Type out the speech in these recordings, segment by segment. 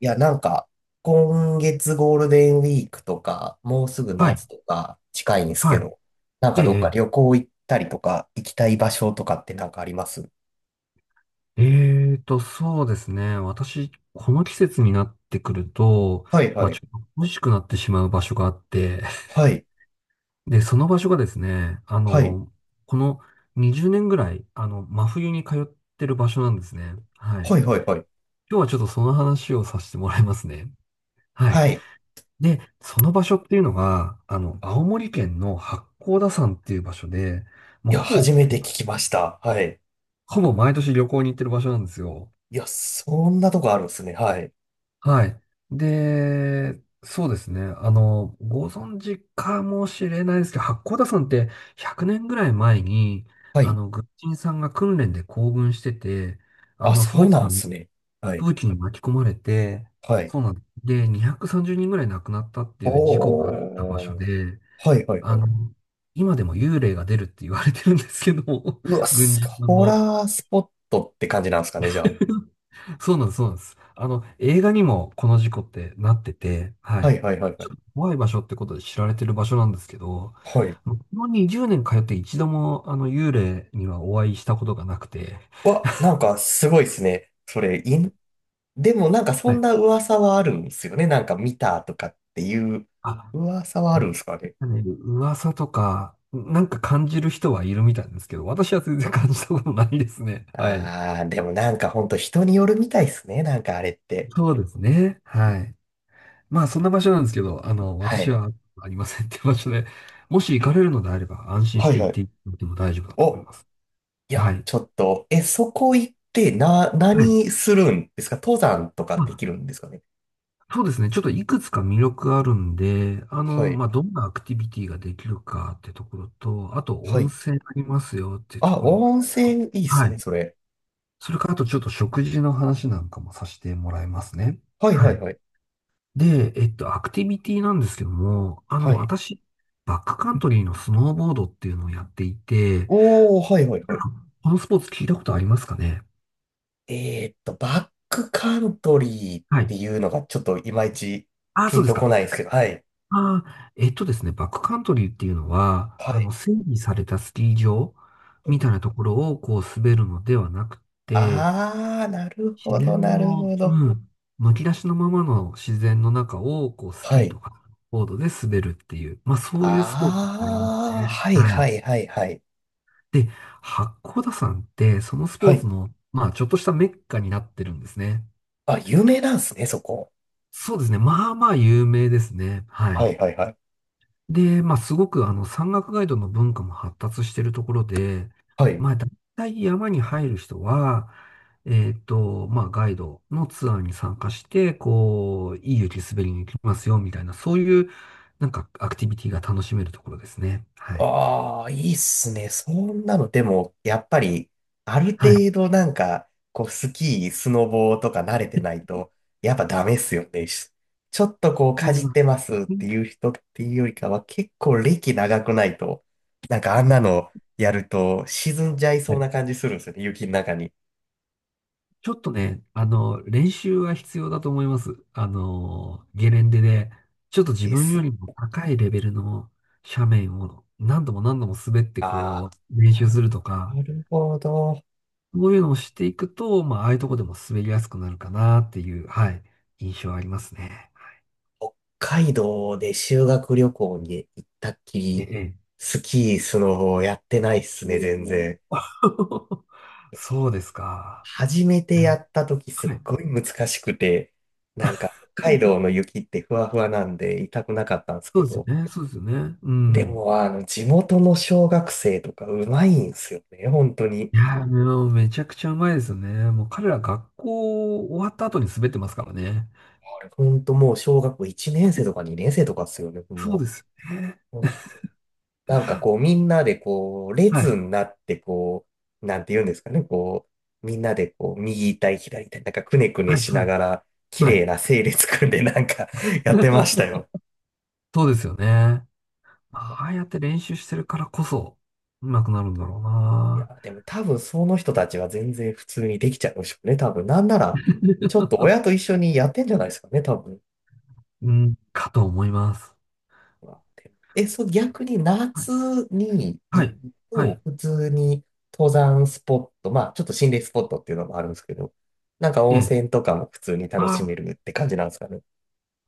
いや、なんか、今月ゴールデンウィークとか、もうすぐはい。夏とか近いんですけはど、なんい。えかどっかえ、旅行行ったりとか、行きたい場所とかってなんかありますそうですね。私、この季節になってくると、はいまはあ、ちい。ょっと恋しくなってしまう場所があって、はい。で、その場所がですね、はい。この20年ぐらい、真冬に通ってる場所なんですね。はい。はいはいはい。今日はちょっとその話をさせてもらいますね。はい。はい。で、その場所っていうのが、青森県の八甲田山っていう場所で、もいうや、初めて聞きました。はい。ほぼ毎年旅行に行ってる場所なんですよ。いや、そんなとこあるんですね。はい。はい。で、そうですね。ご存知かもしれないですけど、八甲田山って100年ぐらい前に、はい。軍人さんが訓練で行軍してて、ああ、の、そう風紀なんでに、すね。はい。風紀に巻き込まれて、はい。そうなんです。で、230人ぐらい亡くなったっていう事故があった場所おー。で、はいはいはあい。の、今でも幽霊が出るって言われてるんですけど、うわ、軍ス人さんコの。ラースポットって感じなんですかね、じゃあ。そうなんです、そうなんです。映画にもこの事故ってなってて、ははい。いはいはいはちい。ょっと怖い場所ってことで知られてる場所なんですけど、はいこの20年通って一度もあの幽霊にはお会いしたことがなくて、わ、なんかすごいですね。それ、いん、でもなんかそはんい。な噂はあるんですよね。なんか見たとかっていうあ、噂はあるんですかね。ね、噂とか、なんか感じる人はいるみたいですけど、私は全然感じたことないですね。はい。あー、でもなんかほんと人によるみたいですね。なんかあれって。そうですね。はい。まあ、そんな場所なんですけど、は私い。はありませんっていう場所で、もし行かれるのであれば安心しはいて行はっい。ていただいても大丈夫だと思いお、ます。いはや、い。ちょっと、え、そこ行ってな、はい。何するんですか登山とかまできあ、るんですかね。そうですね。ちょっといくつか魅力あるんで、はい。まあ、どんなアクティビティができるかってところと、あとは温い。泉ありますよっていうとあ、ころ。温泉いいっはすね、い。それ。それからあとちょっと食事の話なんかもさせてもらいますね。はいははいい。はい。で、アクティビティなんですけども、はい。私、バックカントリーのスノーボードっていうのをやっていて、おー、はいはいなはんい。かこのスポーツ聞いたことありますかね？バックカントリーっはてい。いうのがちょっといまいちああ、ピそうンですとこか。ないんですけど、はい。ああ、えっとですね、バックカントリーっていうのは、はい。整備されたスキー場みたいなところをこう滑るのではなくて、あー、なるほ自ど、然なるの、ほど。うん、むき出しのままの自然の中をこうスキはーい。とかボードで滑るっていう、まあそういうスポーツになりますあー、ね。はい、ははい。い、はい、はい。で、八甲田山ってそのスはポーツい。の、まあちょっとしたメッカになってるんですね。あ、有名なんですね、そこ。そうですね。まあまあ有名ですね。ははい。い、はい、はい。で、まあ、すごく山岳ガイドの文化も発達しているところで、はい。まあ、大体山に入る人は、まあ、ガイドのツアーに参加して、こう、いい雪滑りに行きますよ、みたいな、そういう、なんか、アクティビティが楽しめるところですね。はい。ああ、いいっすね。そんなの、でも、やっぱり、あるはい。程度なんか、こう、スキー、スノボーとか慣れてないと、やっぱダメっすよね。しちょっとこう、そかうじっなんでてますっすね。ていう人っていうよりかは、結構歴長くないと、なんかあんなのやると、沈んじゃいそうな感じするんですよね、雪の中に。ちょっとね、練習は必要だと思います。ゲレンデで、ちょっと自で分よす。りも高いレベルの斜面を何度も何度も滑ってあこう、練あ、習するとか、なるほど。そういうのをしていくと、まあ、ああいうとこでも滑りやすくなるかなっていう、はい、印象ありますね。はい。北海道で修学旅行に行ったっきえり、え。スキー、スノボやってないっすね、お全然。ー そうですか。初めいてやや、った時すっはい。ごい難しくて、なんか北海道の雪ってふわふわなんで痛くなかったんですそうけですど、よね。そうですよね。うでん。もあの地元の小学生とかうまいんすよね、本当に。いやー、もうめちゃくちゃうまいですよね。もう彼ら学校終わった後に滑ってますからね。あれ本当もう小学校1年生とか2年生とかっすよね、そうもですよね。う。なんかこう、みんなでこう、は列い。になって、こう、なんて言うんですかね、こう、みんなでこう、右対た左対たなんかくねくねはい、しはない、がら、綺はい。麗な整列組んでなんか やってました よ。そうですよね。ああやって練習してるからこそ、うまくなるんだろういや、いな。やでも多分その人たちは全然普通にできちゃうんでしょうね、多分。なんなら、ちょっと親と一緒にやってんじゃないですかね、多分。うん、かと思います。があって。え、そう、逆には夏い。には行い。くはと、い。普通に登山スポット、まあ、ちょっと心霊スポットっていうのもあるんですけど、なんかえ温え。泉とかも普通に楽あしめあ、るって感じなんですかね。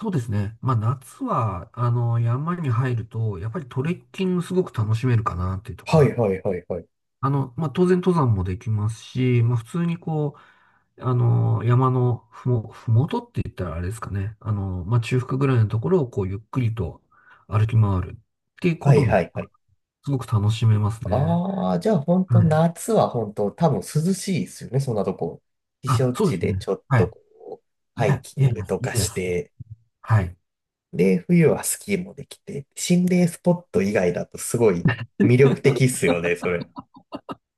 そうですね。まあ、夏は、山に入ると、やっぱりトレッキングすごく楽しめるかなっていうとこはろいはいはいはい。まあ、当然登山もできますし、まあ、普通にこう、山のふもとって言ったらあれですかね。まあ、中腹ぐらいのところをこう、ゆっくりと歩き回るっていうこはといはも、いはい。すごく楽しめますね。ああ、じゃあ本は当い。夏は本当多分涼しいですよね、そんなとこ。避あ、暑そう地ですでね。ちょっはとい。こう、いハイや、キいンやいグや、といかやいや、して、はい。で、冬はスキーもできて、心霊スポット以外だとすごい魅力的っすよね、それ。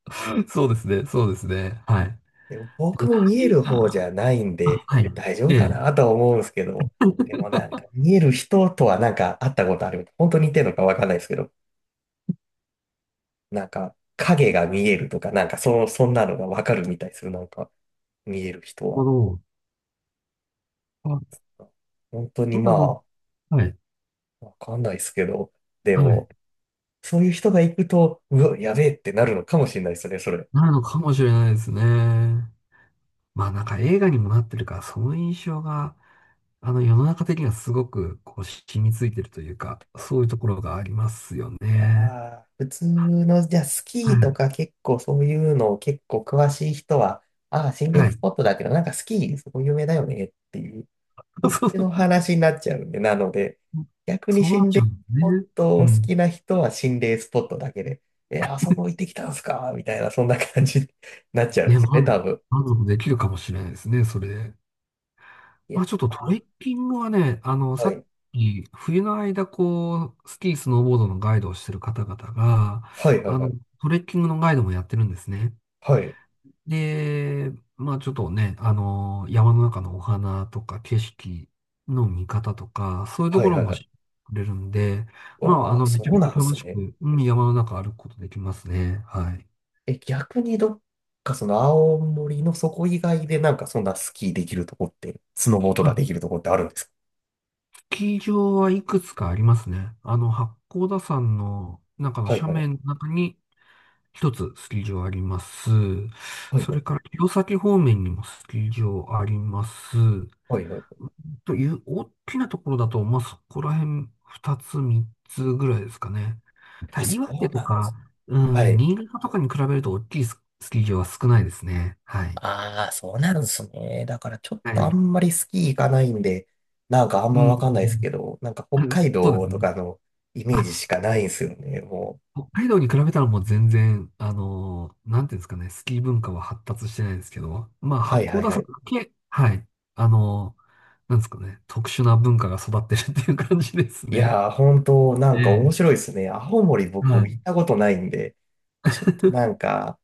そうですね、そうですね。はい。でも僕で、も見え何る方じが、ゃないんあ、ではい。大丈夫ええ、なかるなとは思うんですけど、でもなんか見える人とはなんか会ったことある。本当に似てるのかわかんないですけど、なんか影が見えるとか、なんかそんなのがわかるみたいですよ。なんか見える人ほは。ど。あ、本当にそうまなの。あ、はい。わかんないですけど、ではい。も、そういう人が行くと、うわ、やべえってなるのかもしれないですね、それ。なるのかもしれないですね。まあなんか映画にもなってるから、その印象が、あの世の中的にはすごくこう染みついてるというか、そういうところがありますよね。ああ、普通の、じゃあスはキーとい。か結構そういうの結構詳しい人は、ああ、心霊はスい。ポットだけど、なんかスキー、そこ有名だよねっていう、そ っそうちそのう話になっちゃうんで、なので、逆にそうなっ心ち霊ゃスうんだポッね。トうを好きん。な人は心霊スポットだけで、え、あそこ行ってきたんすかみたいな、そんな感じになっちゃうんでね、すよね、多分。満足できるかもしれないですね、それで。いまあや、ちょっとトレッキングはね、はさい。っき、冬の間、こう、スキー、スノーボードのガイドをしてる方々が、はいはいあはの、い。トレッキングのガイドもやってるんですね。はい。で、まあちょっとね、山の中のお花とか景色の見方とか、そういうとはこいろはいはも知っい。てくれるんで、まあわあ、めそちゃうめちなゃんで楽すしね。く、うん、山の中歩くことできますね。はい。え、逆にどっかその青森のそこ以外でなんかそんなスキーできるとこって、スノボーとかできるあ、とこってあるんですかスキー場はいくつかありますね。八甲田山の中のはいはい。斜面の中に一つスキー場あります。はいそはれい。から、弘前方面にもスキー場あります。はいはい。という、大きなところだと、まあ、そこら辺、二つ、三つぐらいですかね。たあ、だ、そ岩手うとなんでか、す。うはん、い。新潟とかに比べると大きいスキー場は少ないですね。はい。ああ、そうなんですね。だからちょっはとあんい。まりスキー行かないんで、なんかあんうまわん。かんないですけど、なんか北海 そうで道すとね。かのイメージしあ、かないんですよね、もう。北海道に比べたらもう全然、なんていうんですかね、スキー文化は発達してないですけど、まあ、八はい甲はい田は山い。だけ、はい。あのーなんですかね、特殊な文化が育ってるっていう感じですいね。やー、本当なえんえ。か面白いですね。青森僕は行い。ったことないんで、ちょっとなん か、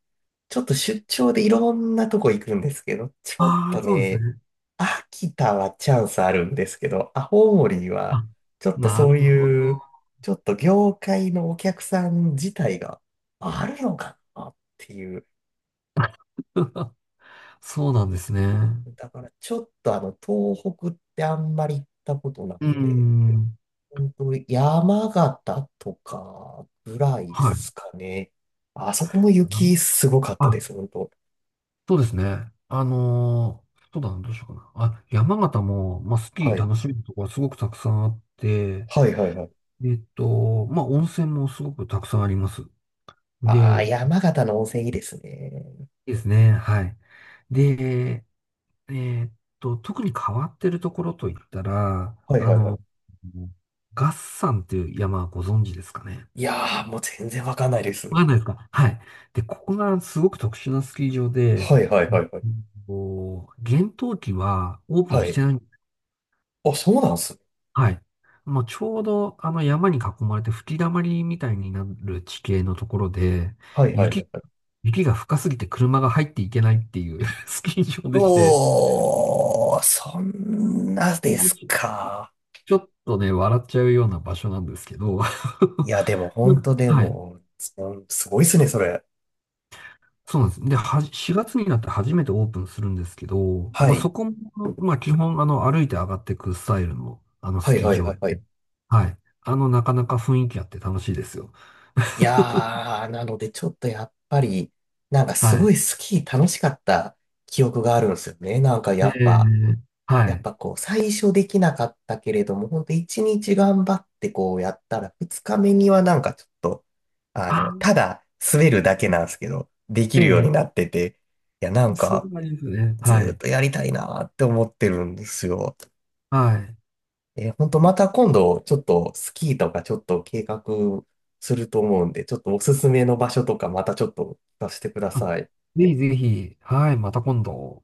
ちょっと出張でいろんなとこ行くんですけど、ちょっあとあ、そうですね、ね。秋田はチャンスあるんですけど、青森は、あ、ちょっとなそるうほいど。う、ちょっと業界のお客さん自体があるのかなっていう。そうなんですね。だからちょっとあの、東北ってあんまり行ったことなくうーて、ん。本当山形とかぐらいではい。すかね。あそこも雪すごかったあ、です、本当。そうですね。そうだな、どうしようかな。あ、山形も、まあ、スキはーい。楽しめるところがすごくたくさんあって、はいはいはい。まあ、温泉もすごくたくさんあります。ああ、で、山形の温泉いいですね。いいですね。はい。で、えっ特に変わってるところといったら、はいはいはい。月山っていう山はご存知ですかね？いやー、もう全然わかんないでわす。かんないですか？はい。で、ここがすごく特殊なスキー場で、はいはいうはんいはい。こう、厳冬期はオープンはしい。てない。あ、そうなんすね。はい。もうちょうどあの山に囲まれて吹き溜まりみたいになる地形のところで、はいはいはい雪、はい。雪が深すぎて車が入っていけないっていう スキー場うでして、おー、そんなですか。ちょっとね、笑っちゃうような場所なんですけど、いや、でも本当ではい。も、そんすごいっすね、それ。そうなんです。で、4月になって初めてオープンするんですけど、はまあ、い。そこも、まあ、基本、歩いて上がっていくスタイルの、はスいキーはい場はいで。はい。はい。なかなか雰囲気あって楽しいですよ。い やー、なのでちょっとやっぱり、なんかすはい。ごいスキー楽しかった記憶があるんですよね。なんかえやっぱ、ーはやっい。ぱこう、最初できなかったけれども、本当一日頑張ってこうやったら、二日目にはなんかちょっと、あの、あ、ただ滑るだけなんですけど、できえるようえ、になってて、いや、なんそういうか、感じですね。ずはーっい。とやりたいなーって思ってるんですよ。はい。えー、本当また今度、ちょっとスキーとかちょっと計画すると思うんで、ちょっとおすすめの場所とかまたちょっと出してくだあ、さい。ぜひぜひ、はい、また今度。